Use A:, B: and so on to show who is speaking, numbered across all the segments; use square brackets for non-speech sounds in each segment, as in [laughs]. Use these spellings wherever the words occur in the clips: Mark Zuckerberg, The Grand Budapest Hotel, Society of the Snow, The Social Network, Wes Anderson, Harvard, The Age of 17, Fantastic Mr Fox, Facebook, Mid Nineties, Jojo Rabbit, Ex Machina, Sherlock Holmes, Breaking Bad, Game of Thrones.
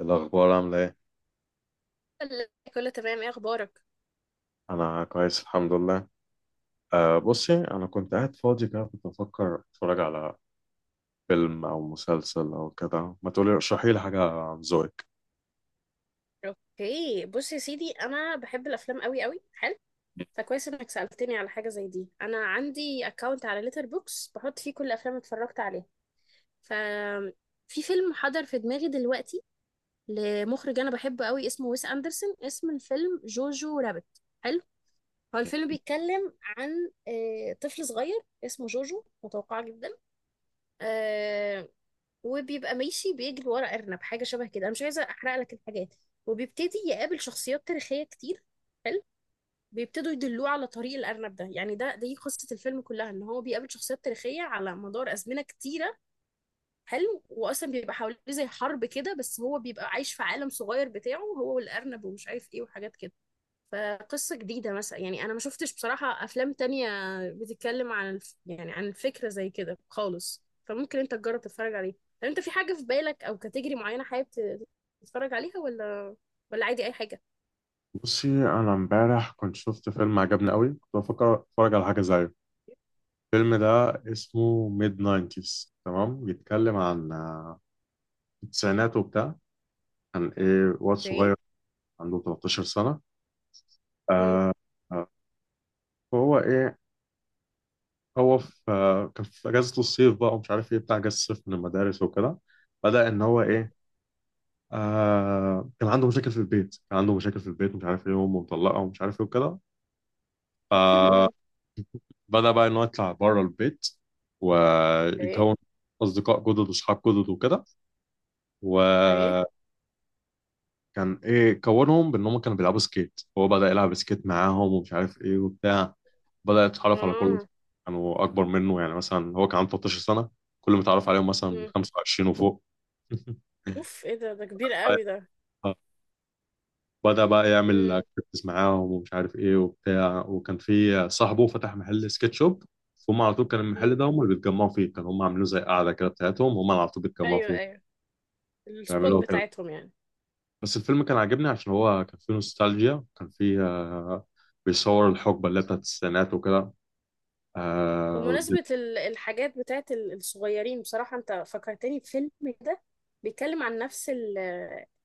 A: الأخبار عاملة إيه؟
B: لا، كله تمام. ايه اخبارك؟
A: أنا كويس الحمد لله. بصي، أنا كنت قاعد فاضي كده، كنت بفكر أتفرج على فيلم أو مسلسل أو كده. ما تقولي ارشحي لي حاجة عن ذوقك؟
B: اوكي، بص يا سيدي، انا بحب الافلام قوي قوي. حلو. فكويس انك سالتني على حاجه زي دي. انا عندي اكونت على ليتر بوكس بحط فيه كل الافلام اللي اتفرجت عليها. ف في فيلم حضر في دماغي دلوقتي لمخرج انا بحبه قوي، اسمه ويس اندرسون. اسم الفيلم جوجو رابت. حلو. هو الفيلم بيتكلم عن طفل صغير اسمه جوجو، متوقع جدا، آه، وبيبقى ماشي بيجري ورا أرنب حاجة شبه كده. أنا مش عايزة أحرق لك الحاجات. وبيبتدي يقابل شخصيات تاريخية كتير. حلو. بيبتدوا يدلوه على طريق الأرنب ده. يعني دي قصة الفيلم كلها، إن هو بيقابل شخصيات تاريخية على مدار أزمنة كتيرة. حلو. وأصلا بيبقى حواليه زي حرب كده، بس هو بيبقى عايش في عالم صغير بتاعه، هو والأرنب ومش عارف إيه وحاجات كده. فقصة جديدة مثلا، يعني أنا ما شفتش بصراحة أفلام تانية بتتكلم عن يعني عن الفكرة زي كده خالص. فممكن أنت تجرب تتفرج عليه. طب أنت في حاجة في بالك أو كاتيجري معينة حابب تتفرج عليها، ولا عادي أي حاجة؟
A: بصي، أنا إمبارح كنت شفت فيلم عجبني قوي، كنت بفكر أتفرج على حاجة زيه. الفيلم ده اسمه ميد ناينتيز، تمام. بيتكلم عن التسعينات وبتاع. عن إيه؟ واد
B: اوكي.
A: صغير عنده 13 سنة.
B: مم.
A: أه آه، هو إيه، هو في آه، كان في اجازه الصيف بقى ومش عارف ايه بتاع اجازه الصيف من المدارس وكده. بدا ان هو ايه، كان عنده مشاكل في البيت. ومش عارف ايه امه مطلقه ومش عارف ايه وكده. فبدا
B: [laughs]
A: بقى ان هو يطلع بره البيت
B: اوكي.
A: ويكون اصدقاء جدد واصحاب جدد وكده.
B: اوكي.
A: كان ايه كونهم، بان هم كانوا بيلعبوا سكيت، هو بدأ يلعب سكيت معاهم ومش عارف ايه وبتاع. بدأ يتعرف على كل،
B: اه.
A: كانوا اكبر منه. يعني مثلا هو كان عنده 13 سنة، كل ما اتعرف عليهم مثلا
B: مم.
A: 25 وفوق. [laughs]
B: اوف، ايه ده؟ ده كبير قوي ده.
A: بدأ بقى يعمل
B: مم.
A: اكتيفيتيز معاهم ومش عارف ايه وبتاع، وكان في صاحبه فتح محل سكيت شوب. فهم على طول كان المحل
B: مم.
A: ده هم اللي بيتجمعوا فيه، كانوا هم عاملينه زي قاعدة كده بتاعتهم، هم على طول بيتجمعوا
B: ايوه
A: فيها.
B: ايوه، السبوت
A: بيعملوا
B: بتاعتهم يعني.
A: بس الفيلم كان عاجبني عشان هو كان فيه نوستالجيا، كان فيه. بيصور الحقبة اللي هي بتاعت التسعينات وكده. آه، والدنيا-
B: بمناسبة الحاجات بتاعت الصغيرين، بصراحة انت فكرتني بفيلم كده بيتكلم عن نفس ال-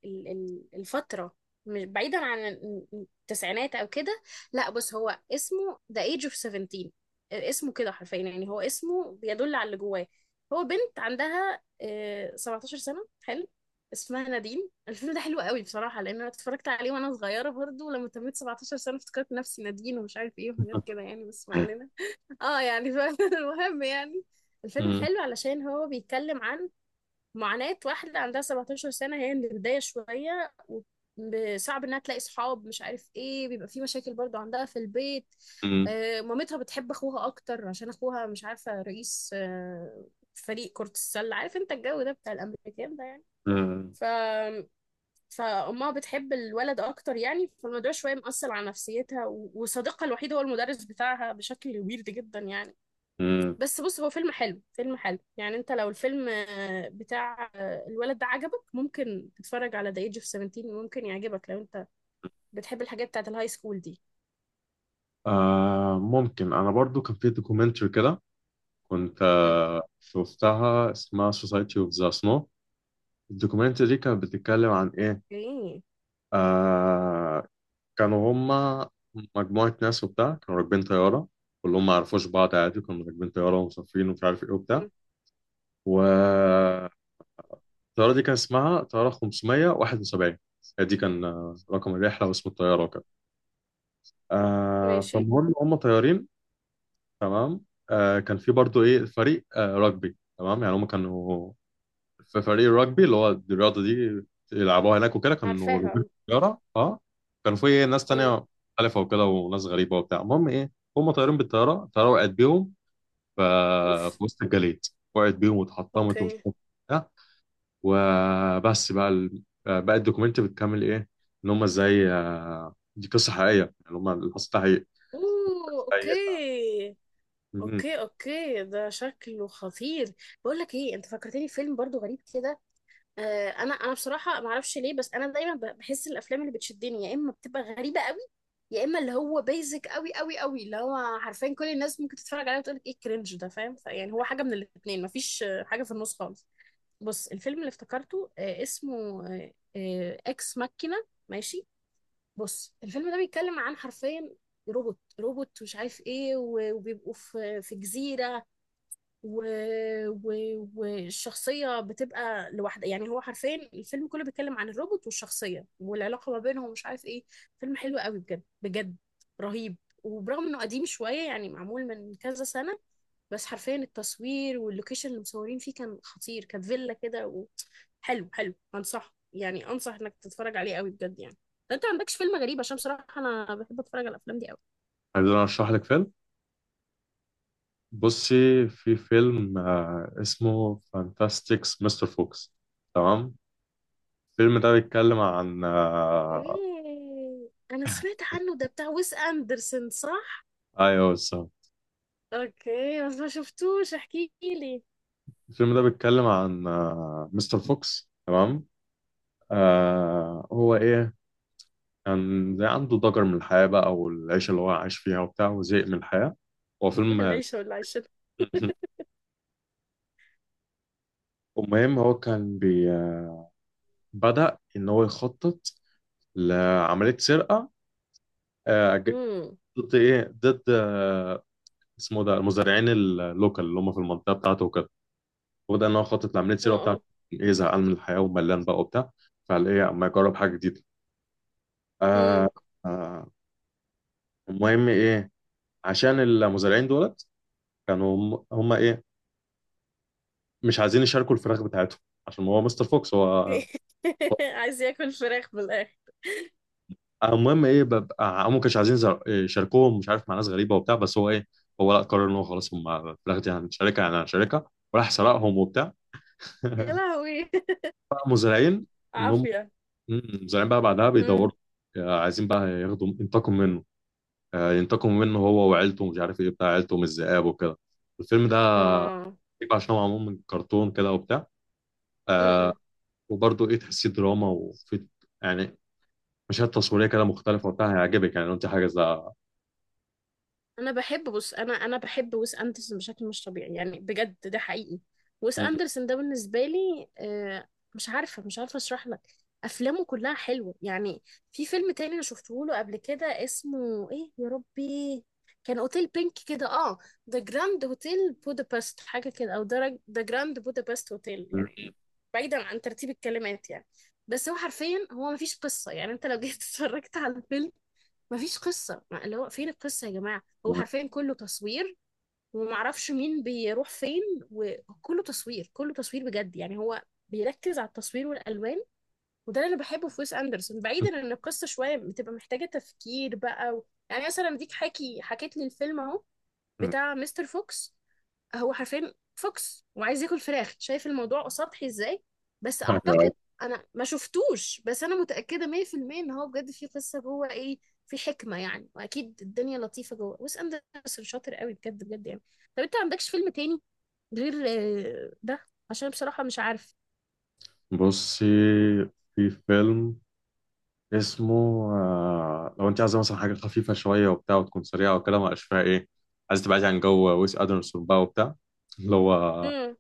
B: ال- الفترة، مش بعيدا عن التسعينات او كده. لا، بس هو اسمه The Age of 17. اسمه كده حرفيا، يعني هو اسمه بيدل على اللي جواه. هو بنت عندها 17 سنة. حلو. اسمها نادين. [laughs] الفيلم ده حلو قوي بصراحة، لان انا اتفرجت عليه وانا صغيرة برضه. لما تميت 17 سنة افتكرت نفسي نادين ومش عارف ايه وحاجات كده يعني، بس ما علينا. اه يعني [laughs] المهم يعني الفيلم
A: مم.
B: حلو علشان هو بيتكلم عن معاناة واحدة عندها 17 سنة. هي من البداية شوية وصعب انها تلاقي صحاب، مش عارف ايه، بيبقى في مشاكل برضو عندها في البيت.
A: مم.
B: آه، مامتها بتحب اخوها اكتر عشان اخوها مش عارفة رئيس آه فريق كرة السلة. عارف انت الجو ده بتاع الامريكان ده يعني.
A: مم.
B: ف فأمها بتحب الولد أكتر يعني، فالموضوع شوية مأثر على نفسيتها. وصديقها الوحيد هو المدرس بتاعها بشكل ويرد جدا يعني.
A: مم.
B: بس بص، هو فيلم حلو، فيلم حلو يعني. انت لو الفيلم بتاع الولد ده عجبك، ممكن تتفرج على ذا ايج اوف 17، ممكن يعجبك لو انت بتحب الحاجات بتاعت الهاي سكول دي.
A: ممكن. أنا برضو كان فيه دوكيومنتري كده، كنت
B: مم.
A: شفتها، اسمها Society of the Snow. الدوكيومنتري دي كانت بتتكلم عن إيه؟
B: اوكي.
A: آه، كانوا هما مجموعة ناس وبتاع، كانوا راكبين طيارة، كلهم ما يعرفوش بعض عادي، كانوا راكبين طيارة ومسافرين ومش عارف إيه وبتاع
B: مم.
A: و الطيارة دي كان اسمها طيارة 571. دي كان رقم الرحلة واسم الطيارة وكده. آه
B: ماشي.
A: فالمهم هم طيارين، تمام. كان في برضو ايه فريق رugby، تمام. يعني هم كانوا في فريق الرجبي اللي هو الرياضة دي يلعبوها هناك وكده، كانوا راكبين
B: عارفاها.
A: الطيارة اه. كانوا في إيه، ناس
B: مم.
A: تانية مختلفة وكده، وناس غريبة وبتاع. المهم ايه، هم طيارين بالطيارة. الطيارة وقعت بيهم ف- في
B: اوف.
A: وسط الجليد، وقعت بيهم واتحطمت ومش
B: اوكي.
A: عارف إيه. وبس، بقى الدوكيومنت بتكمل ايه، ان هم ازاي، دي قصه حقيقيه، يعني هم اللي حصل ده حقيقي.
B: اوه،
A: ازاي
B: اوكي.
A: مم.
B: اوكي اوكي، ده شكله خطير. بقول لك ايه، انت فكرتني في فيلم برضو غريب كده. انا بصراحه ما اعرفش ليه، بس انا دايما بحس الافلام اللي بتشدني يا اما بتبقى غريبه قوي، يا اما اللي هو بيزك قوي قوي قوي، اللي هو حرفيا كل الناس ممكن تتفرج عليه وتقول لك ايه الكرنج ده، فاهم؟ فيعني هو حاجه من الاثنين، مفيش حاجه في النص خالص. بص، الفيلم اللي افتكرته اسمه اكس ماكينه. ماشي. بص، الفيلم ده بيتكلم عن حرفيا روبوت مش عارف ايه، وبيبقوا في جزيره، و... و... والشخصية بتبقى لوحدها. يعني هو حرفيا الفيلم كله بيتكلم عن الروبوت والشخصية والعلاقة ما بينهم ومش عارف ايه. فيلم حلو قوي بجد بجد، رهيب. وبرغم انه قديم شوية، يعني معمول من كذا سنة، بس حرفيا التصوير واللوكيشن اللي مصورين فيه كان خطير، كانت فيلا كده حلو حلو، انصح يعني، انصح انك تتفرج عليه قوي بجد يعني، لو انت ما عندكش فيلم غريب، عشان بصراحة انا بحب اتفرج على الافلام دي قوي.
A: عايز انا اشرح لك فيلم. بصي، في فيلم اسمه فانتاستيكس مستر فوكس، تمام. الفيلم ده بيتكلم عن.
B: ايه، انا سمعت عنه ده، بتاع ويس اندرسون صح؟
A: ايوه بالظبط.
B: اوكي، بس ما شفتوش. احكي لي.
A: الفيلم ده بيتكلم عن مستر فوكس، تمام. هو ايه، كان زي عنده ضجر من الحياه بقى والعيشه اللي هو عايش فيها وبتاع وزهق من الحياه. هو
B: [laughs]
A: فيلم
B: العيشه ولا عيشه.
A: مهم. المهم، هو كان بي بدأ إن هو يخطط لعملية سرقة، آه، ج-
B: امم.
A: ضد إيه، ضد آه، اسمه ده المزارعين اللوكال اللي هم في المنطقة بتاعته وكده، وبدأ إن هو يخطط لعملية سرقة بتاعته.
B: اه.
A: إيه، زهقان من الحياة وملان بقى وبتاع، فقال إيه أما يجرب حاجة جديدة.
B: امم.
A: آه آه المهم إيه، عشان المزارعين دولت كانوا هم إيه، مش عايزين يشاركوا الفراخ بتاعتهم عشان هو مستر فوكس
B: [laughs] عايز ياكل فراخ بالاخر.
A: المهم ايه، ببقى هم ما كانوش عايزين يشاركوهم، مش عارف مع ناس غريبه وبتاع، بس هو لا، قرر ان هو خلاص، هم في الاخر دي هنشاركها، وراح سرقهم وبتاع.
B: يا لهوي.
A: بقى مزارعين
B: [laughs]
A: ان هم
B: عافيه.
A: مم، مزارعين بقى بعدها
B: امم.
A: بيدوروا، عايزين بقى ينتقموا منه، ينتقموا منه هو وعيلته ومش عارف ايه بتاع عيلته من الذئاب وكده. الفيلم ده
B: اه.
A: غريب عشان هو معمول من كرتون كده وبتاع. آه، وبرضه ايه، تحسيه دراما يعني مشاهد تصويريه كده مختلفه وبتاع، هيعجبك يعني لو انت حاجه زي.
B: انا بحب بص، انا بحب ويس اندرسون بشكل مش طبيعي يعني، بجد ده حقيقي. ويس اندرسون ده بالنسبه لي مش عارفه اشرح لك. افلامه كلها حلوه يعني. في فيلم تاني انا شفته له قبل كده، اسمه ايه يا ربي، كان اوتيل بينك كده. اه، ذا جراند هوتيل بودابست، حاجه كده، او ذا جراند بودابست هوتيل يعني، بعيدا عن ترتيب الكلمات يعني. بس هو حرفيا هو مفيش قصه يعني. انت لو جيت [laughs] اتفرجت على الفيلم، مفيش قصة. اللي هو فين القصة يا جماعة؟ هو حرفيا كله تصوير، ومعرفش مين بيروح فين، وكله تصوير، كله تصوير بجد يعني. هو بيركز على التصوير والألوان، وده اللي أنا بحبه في ويس أندرسون، بعيدا إن القصة شوية بتبقى محتاجة تفكير بقى. يعني مثلا ديك حكيت لي الفيلم أهو
A: مم. [laughs]
B: بتاع مستر فوكس. هو حرفيا فوكس وعايز ياكل فراخ، شايف الموضوع سطحي ازاي؟ بس
A: أيوة.
B: اعتقد، انا ما شفتوش، بس انا متاكده 100% ان هو بجد في قصه جوه، ايه، في حكمه يعني. واكيد الدنيا لطيفه جوه. ويس اندرسون شاطر قوي بجد بجد يعني. طب انت ما عندكش فيلم تاني غير ده؟ عشان بصراحه مش عارف.
A: بصي، في فيلم اسمه لو انت عايزه مثلا حاجه خفيفه شويه وبتاع وتكون سريعه وكده، ما بقاش فيها ايه، عايزه تبعدي عن جو ويس ادرسون بقى وبتاع، اللي هو
B: امم.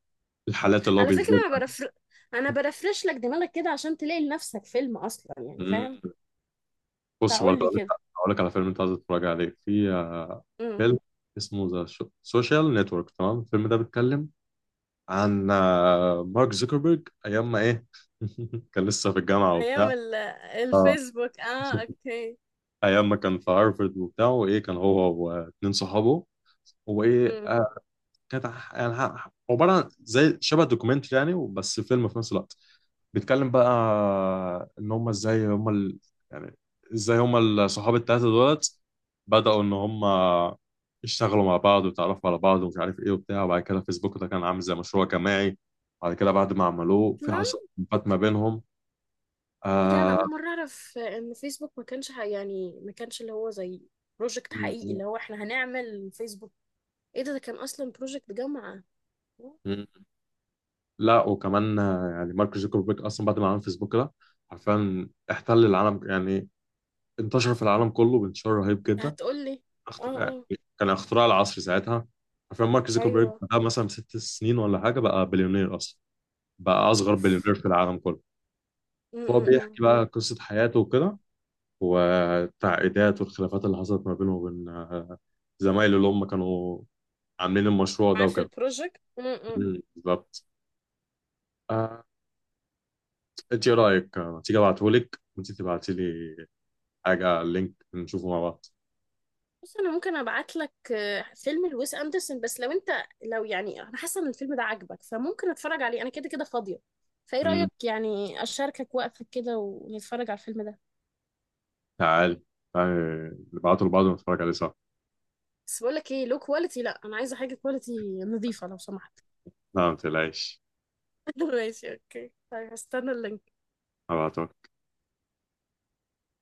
A: الحالات اللي هو
B: على فكره، انا
A: بيثبتها.
B: برفر انا برفرش لك دماغك كده عشان تلاقي لنفسك فيلم اصلا يعني،
A: مم.
B: فاهم؟
A: بصي،
B: فقول
A: برضه
B: لي كده.
A: اقول لك على فيلم انت عايزه تتفرج عليه. في آه،
B: امم.
A: فيلم اسمه ذا سوشيال نتورك، تمام. الفيلم ده بيتكلم عن مارك زوكربيرج ايام ما ايه، [laughs] كان لسه في الجامعه وبتاع
B: ايام
A: اه.
B: الفيسبوك، اه اوكي.
A: ايام ما كان في هارفرد وبتاع، وايه كان هو واتنين صحابه وايه.
B: امم.
A: كانت عباره عن زي شبه دوكيومنتري يعني، بس فيلم في نفس الوقت. بيتكلم بقى ان هم ازاي هم يعني ازاي هم الصحاب التلاته دولت بداوا ان هم يشتغلوا مع بعض ويتعرفوا على بعض ومش عارف ايه وبتاع. وبعد كده فيسبوك ده كان عامل زي مشروع جماعي، بعد كده بعد ما عملوه في حصل خلافات ما بينهم.
B: ايه ده، انا اول مره اعرف ان فيسبوك ما كانش يعني ما كانش اللي هو زي بروجكت حقيقي، اللي هو احنا هنعمل فيسبوك. ايه ده، ده كان اصلا بروجكت جامعه.
A: آه... لا وكمان، يعني مارك زوكربيرج اصلا بعد ما عمل فيسبوك ده، عارفين، احتل العالم يعني، انتشر في العالم كله بانتشار رهيب جدا.
B: هتقول لي. اه
A: يعني
B: اه.
A: كان اختراع العصر ساعتها. عارفين مارك زوكربيرج
B: ايوه.
A: ده مثلا 6 سنين ولا حاجه بقى بليونير اصلا، بقى اصغر
B: اوف.
A: بليونير في العالم كله. فهو بيحكي
B: امم.
A: بقى قصه حياته وكده، والتعقيدات والخلافات اللي حصلت ما بينه وبين زمايله اللي هم كانوا عاملين المشروع ده
B: عارف
A: وكده.
B: البروجكت. امم.
A: مم، بالظبط. آه، انت ايه رايك تيجي ابعتهولك وانت تبعتي لي حاجة على اللينك نشوفه مع بعض.
B: بص، انا ممكن ابعت لك فيلم لويس اندرسون، بس لو انت، لو يعني انا حاسه ان الفيلم ده عاجبك، فممكن اتفرج عليه انا، كده كده فاضيه. فايه
A: مم.
B: رايك يعني، اشاركك وقتك كده ونتفرج على الفيلم ده.
A: تعال تعال نبعته لبعض ونتفرج عليه سوا.
B: بس بقول لك ايه، لو كواليتي، لا انا عايزه حاجه كواليتي نظيفه لو سمحت.
A: لا، ما تقلقش.
B: [laughs] ماشي اوكي، طيب هستنى اللينك.
A: هبعته.